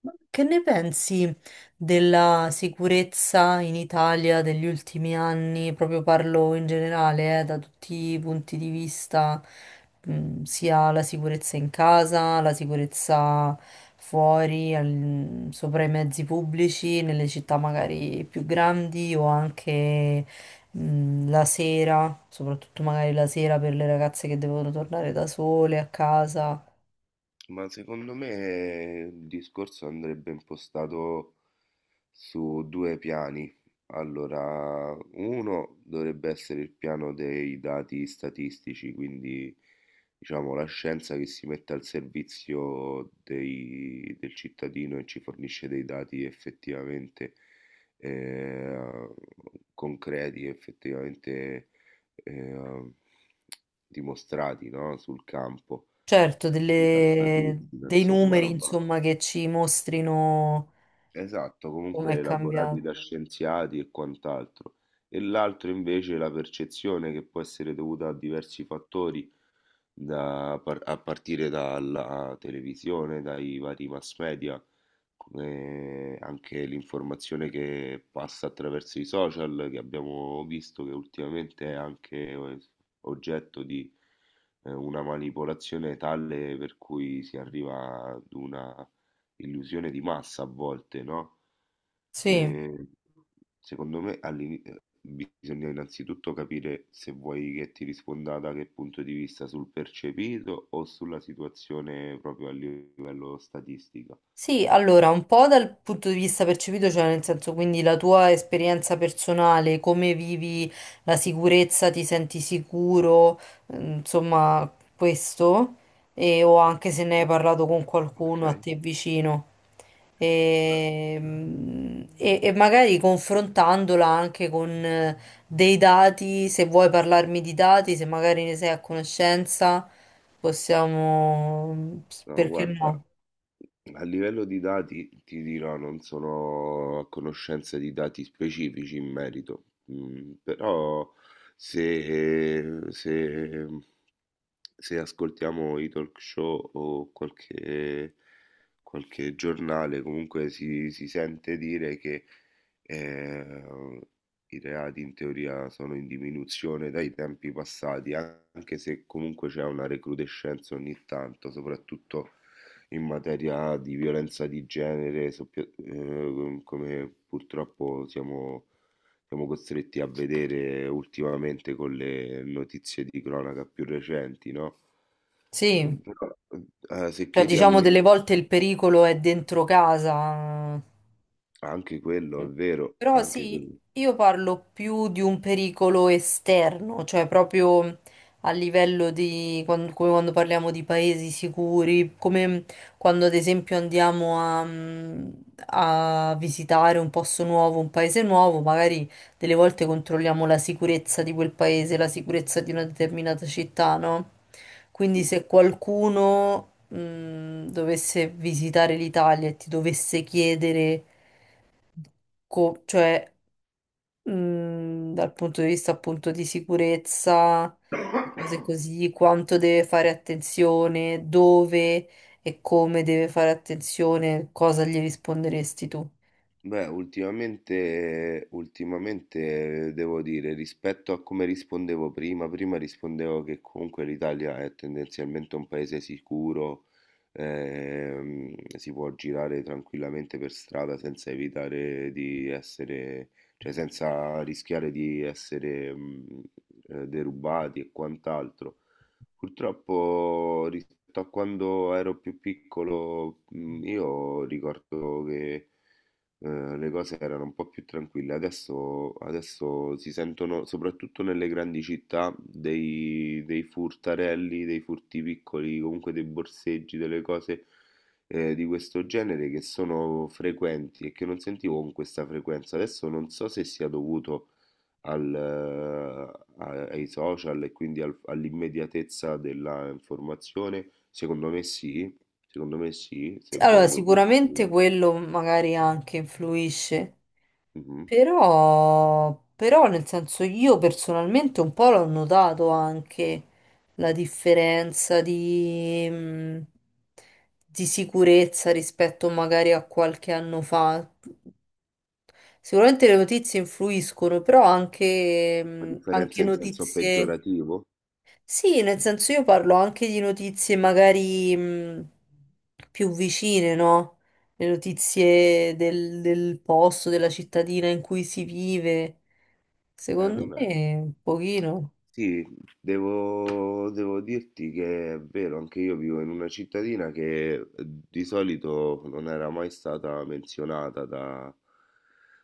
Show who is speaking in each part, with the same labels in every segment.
Speaker 1: Ma che ne pensi della sicurezza in Italia degli ultimi anni? Proprio parlo in generale, da tutti i punti di vista, sia la sicurezza in casa, la sicurezza fuori, sopra i mezzi pubblici, nelle città magari più grandi o anche, la sera, soprattutto magari la sera per le ragazze che devono tornare da sole a casa.
Speaker 2: Ma secondo me il discorso andrebbe impostato su due piani. Allora, uno dovrebbe essere il piano dei dati statistici, quindi diciamo la scienza che si mette al servizio del cittadino e ci fornisce dei dati effettivamente eh, concreti, effettivamente eh, dimostrati, no? Sul campo.
Speaker 1: Certo,
Speaker 2: I passatissima,
Speaker 1: dei
Speaker 2: insomma,
Speaker 1: numeri,
Speaker 2: roba
Speaker 1: insomma, che ci mostrino
Speaker 2: esatto,
Speaker 1: come
Speaker 2: comunque
Speaker 1: è
Speaker 2: elaborati
Speaker 1: cambiato.
Speaker 2: da scienziati e quant'altro. E l'altro invece è la percezione che può essere dovuta a diversi fattori a partire dalla televisione, dai vari mass media, anche l'informazione che passa attraverso i social, che abbiamo visto che ultimamente è anche oggetto di una manipolazione tale per cui si arriva ad una illusione di massa a volte, no?
Speaker 1: Sì,
Speaker 2: Ehm, Secondo me bisogna innanzitutto capire se vuoi che ti risponda da che punto di vista, sul percepito o sulla situazione proprio a livello statistico.
Speaker 1: sì, allora, un po' dal punto di vista percepito, cioè nel senso, quindi la tua esperienza personale, come vivi la sicurezza, ti senti sicuro, mm, insomma, questo, e, o anche se ne hai parlato con
Speaker 2: Ok.
Speaker 1: qualcuno a te vicino. E, e magari confrontandola anche con dei dati, se vuoi parlarmi di dati, se magari ne sei a conoscenza, possiamo,
Speaker 2: No,
Speaker 1: perché
Speaker 2: guarda,
Speaker 1: no?
Speaker 2: a livello di dati ti dirò, non sono a conoscenza di dati specifici in merito, mm, però se, se se ascoltiamo i talk show o qualche, qualche giornale, comunque si sente dire che eh, i reati in teoria sono in diminuzione dai tempi passati, anche se comunque c'è una recrudescenza ogni tanto, soprattutto in materia di violenza di genere, come purtroppo siamo costretti a vedere ultimamente con le notizie di cronaca più recenti, no?
Speaker 1: Sì.
Speaker 2: Mhmm. Però, se
Speaker 1: Cioè,
Speaker 2: chiedi a
Speaker 1: diciamo,
Speaker 2: me,
Speaker 1: delle volte il pericolo è dentro casa.
Speaker 2: anche quello
Speaker 1: Mm.
Speaker 2: è vero,
Speaker 1: Però
Speaker 2: anche
Speaker 1: sì,
Speaker 2: quello,
Speaker 1: io parlo più di un pericolo esterno, cioè proprio a livello di come quando parliamo di paesi sicuri, come quando ad esempio andiamo a, a visitare un posto nuovo, un paese nuovo, magari delle volte controlliamo la sicurezza di quel paese, la sicurezza di una determinata città, no? Quindi
Speaker 2: sì.
Speaker 1: se qualcuno, dovesse visitare l'Italia e ti dovesse chiedere cioè dal punto di vista appunto di sicurezza e cose così, quanto deve fare attenzione, dove e come deve fare attenzione, cosa gli risponderesti tu?
Speaker 2: Beh, ultimamente devo dire, rispetto a come rispondevo prima, prima rispondevo che comunque l'Italia è tendenzialmente un paese sicuro, si può girare tranquillamente per strada senza evitare di essere, cioè senza rischiare di essere, derubati e quant'altro. Purtroppo rispetto a quando ero più piccolo, io ricordo che le cose erano un po' più tranquille. Adesso si sentono, soprattutto nelle grandi città, dei, dei furtarelli, dei furti piccoli, comunque dei borseggi, delle cose di questo genere che sono frequenti e che non sentivo con questa frequenza. Adesso non so se sia dovuto ai social e quindi all'immediatezza della informazione. Secondo me sì,
Speaker 1: Sì,
Speaker 2: se
Speaker 1: allora,
Speaker 2: vuoi lo
Speaker 1: sicuramente
Speaker 2: via.
Speaker 1: quello magari anche influisce, però, però nel senso io personalmente un po' l'ho notato anche la differenza di sicurezza rispetto magari a qualche anno fa. Sicuramente le notizie influiscono, però anche,
Speaker 2: La
Speaker 1: anche
Speaker 2: differenza in senso
Speaker 1: notizie.
Speaker 2: peggiorativo?
Speaker 1: Sì, nel senso io parlo anche di notizie magari più vicine, no? Le notizie del, del posto, della cittadina in cui si vive. Secondo
Speaker 2: Beh,
Speaker 1: me, un pochino.
Speaker 2: sì, devo dirti che è vero, anche io vivo in una cittadina che di solito non era mai stata menzionata da-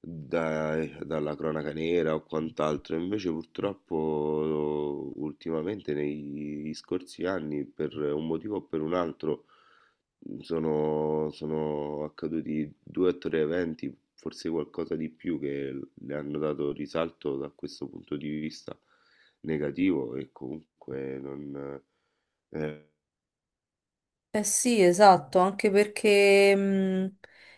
Speaker 2: dai- dalla cronaca nera o quant'altro, invece purtroppo ultimamente negli scorsi anni, per un motivo o per un altro, mhmm. Sono accaduti due o tre eventi, forse qualcosa di più, che le hanno dato risalto da questo punto di vista negativo e comunque non... Eh,
Speaker 1: Eh sì, esatto, anche perché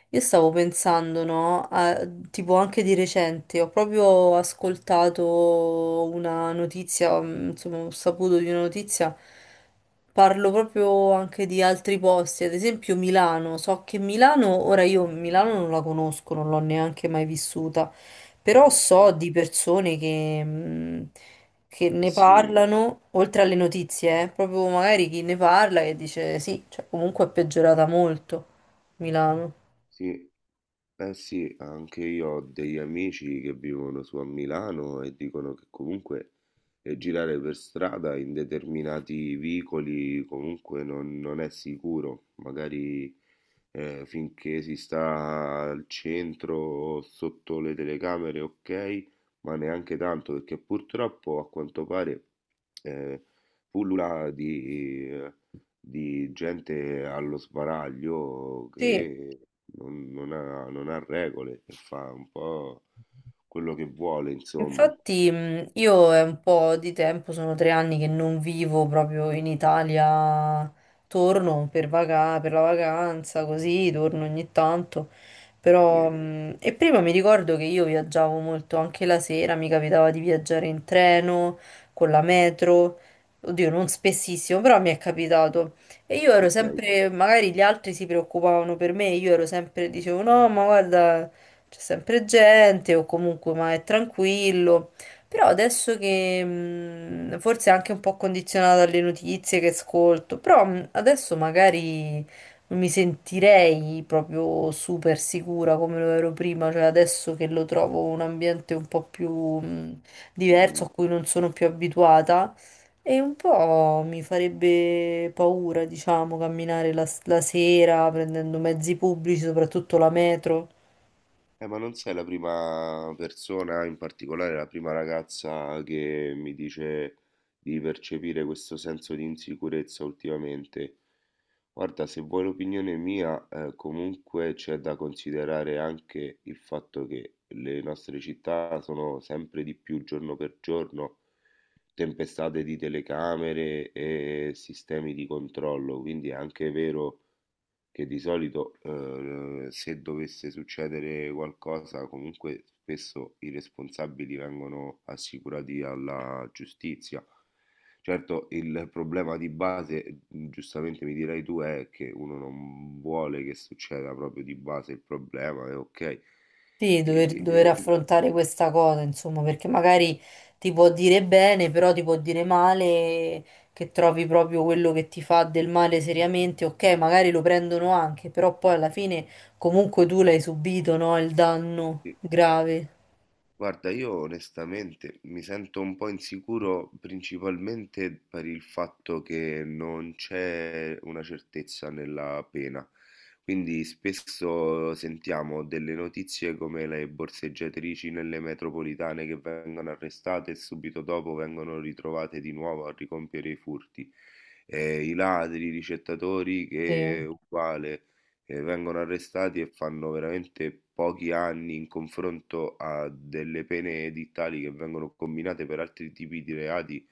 Speaker 1: io stavo pensando, no? Tipo anche di recente, ho proprio ascoltato una notizia, insomma, ho saputo di una notizia, parlo proprio anche di altri posti, ad esempio Milano, so che Milano, ora io Milano non la conosco, non l'ho neanche mai vissuta, però so di persone che
Speaker 2: eh
Speaker 1: ne
Speaker 2: sì,
Speaker 1: parlano, oltre alle notizie, proprio magari chi ne parla e dice sì, cioè, comunque è peggiorata molto Milano.
Speaker 2: sì. Eh sì, anche io ho degli amici che vivono su a Milano e dicono che comunque girare per strada in determinati vicoli comunque non, non è sicuro, magari finché si sta al centro o sotto le telecamere, ok, ma neanche tanto perché purtroppo a quanto pare eh, pullula di gente allo sbaraglio
Speaker 1: Sì,
Speaker 2: che non ha, non ha regole e fa un po' quello che vuole, insomma.
Speaker 1: infatti, io è un po' di tempo, sono tre anni che non vivo proprio in Italia, torno per per la vacanza, così torno ogni tanto. Però,
Speaker 2: Sì,
Speaker 1: e prima mi ricordo che io viaggiavo molto anche la sera, mi capitava di viaggiare in treno, con la metro, oddio, non spessissimo, però mi è capitato. E io ero
Speaker 2: ok.
Speaker 1: sempre, magari gli altri si preoccupavano per me, io ero sempre, dicevo no, ma guarda c'è sempre gente o comunque ma è tranquillo. Però adesso che forse anche un po' condizionata dalle notizie che ascolto, però adesso magari non mi sentirei proprio super sicura come lo ero prima, cioè adesso che lo trovo un ambiente un po' più mh, diverso
Speaker 2: Mhm.
Speaker 1: a cui non sono più abituata e un po' mi farebbe paura, diciamo, camminare la sera prendendo mezzi pubblici, soprattutto la metro.
Speaker 2: Ma non sei la prima persona, in particolare la prima ragazza che mi dice di percepire questo senso di insicurezza ultimamente. Guarda, se vuoi l'opinione mia, comunque c'è da considerare anche il fatto che le nostre città sono sempre di più giorno per giorno tempestate di telecamere e sistemi di controllo, quindi è anche vero che di solito se dovesse succedere qualcosa, comunque spesso i responsabili vengono assicurati alla giustizia. Certo, il problema di base, giustamente mi dirai tu, è che uno non vuole che succeda proprio di base il problema, è ok.
Speaker 1: Sì,
Speaker 2: E-
Speaker 1: dover affrontare questa cosa, insomma, perché magari ti può dire bene, però ti può dire male, che trovi proprio quello che ti fa del male seriamente. Ok, magari lo prendono anche, però poi alla fine comunque tu l'hai subito, no? Il danno
Speaker 2: e-
Speaker 1: grave.
Speaker 2: Guarda, io onestamente mi sento un po' insicuro principalmente per il fatto che non c'è una certezza nella pena. Quindi spesso sentiamo delle notizie come le borseggiatrici nelle metropolitane che vengono arrestate e subito dopo vengono ritrovate di nuovo a ricompiere i furti. I ladri, i ricettatori
Speaker 1: Sì,
Speaker 2: che è uguale che vengono arrestati e fanno veramente pochi anni in confronto a delle pene edittali che vengono combinate per altri tipi di reati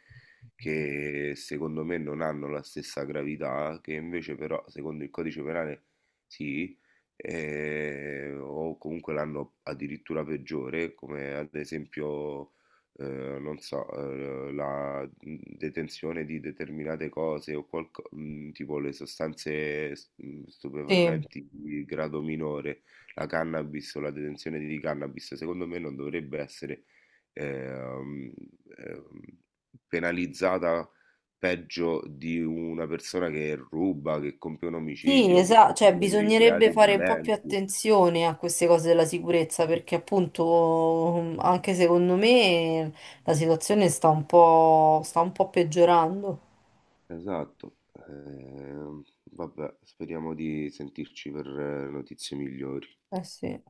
Speaker 2: che secondo me non hanno la stessa gravità, che invece però secondo il codice penale sì, o comunque l'hanno addirittura peggiore, come ad esempio non so, la, detenzione di determinate cose o tipo le sostanze
Speaker 1: sì.
Speaker 2: stupefacenti di grado minore, la cannabis o la detenzione di cannabis, secondo me non dovrebbe essere, ehm, ehm, penalizzata peggio di una persona che ruba, che compie un
Speaker 1: Sì,
Speaker 2: omicidio, che
Speaker 1: esatto, cioè
Speaker 2: compie dei
Speaker 1: bisognerebbe
Speaker 2: reati
Speaker 1: fare un po' più
Speaker 2: violenti.
Speaker 1: attenzione a queste cose della sicurezza perché appunto mm, anche secondo me la situazione sta un po' peggiorando.
Speaker 2: Esatto, ehm, vabbè, speriamo di sentirci per notizie migliori.
Speaker 1: Eh sì.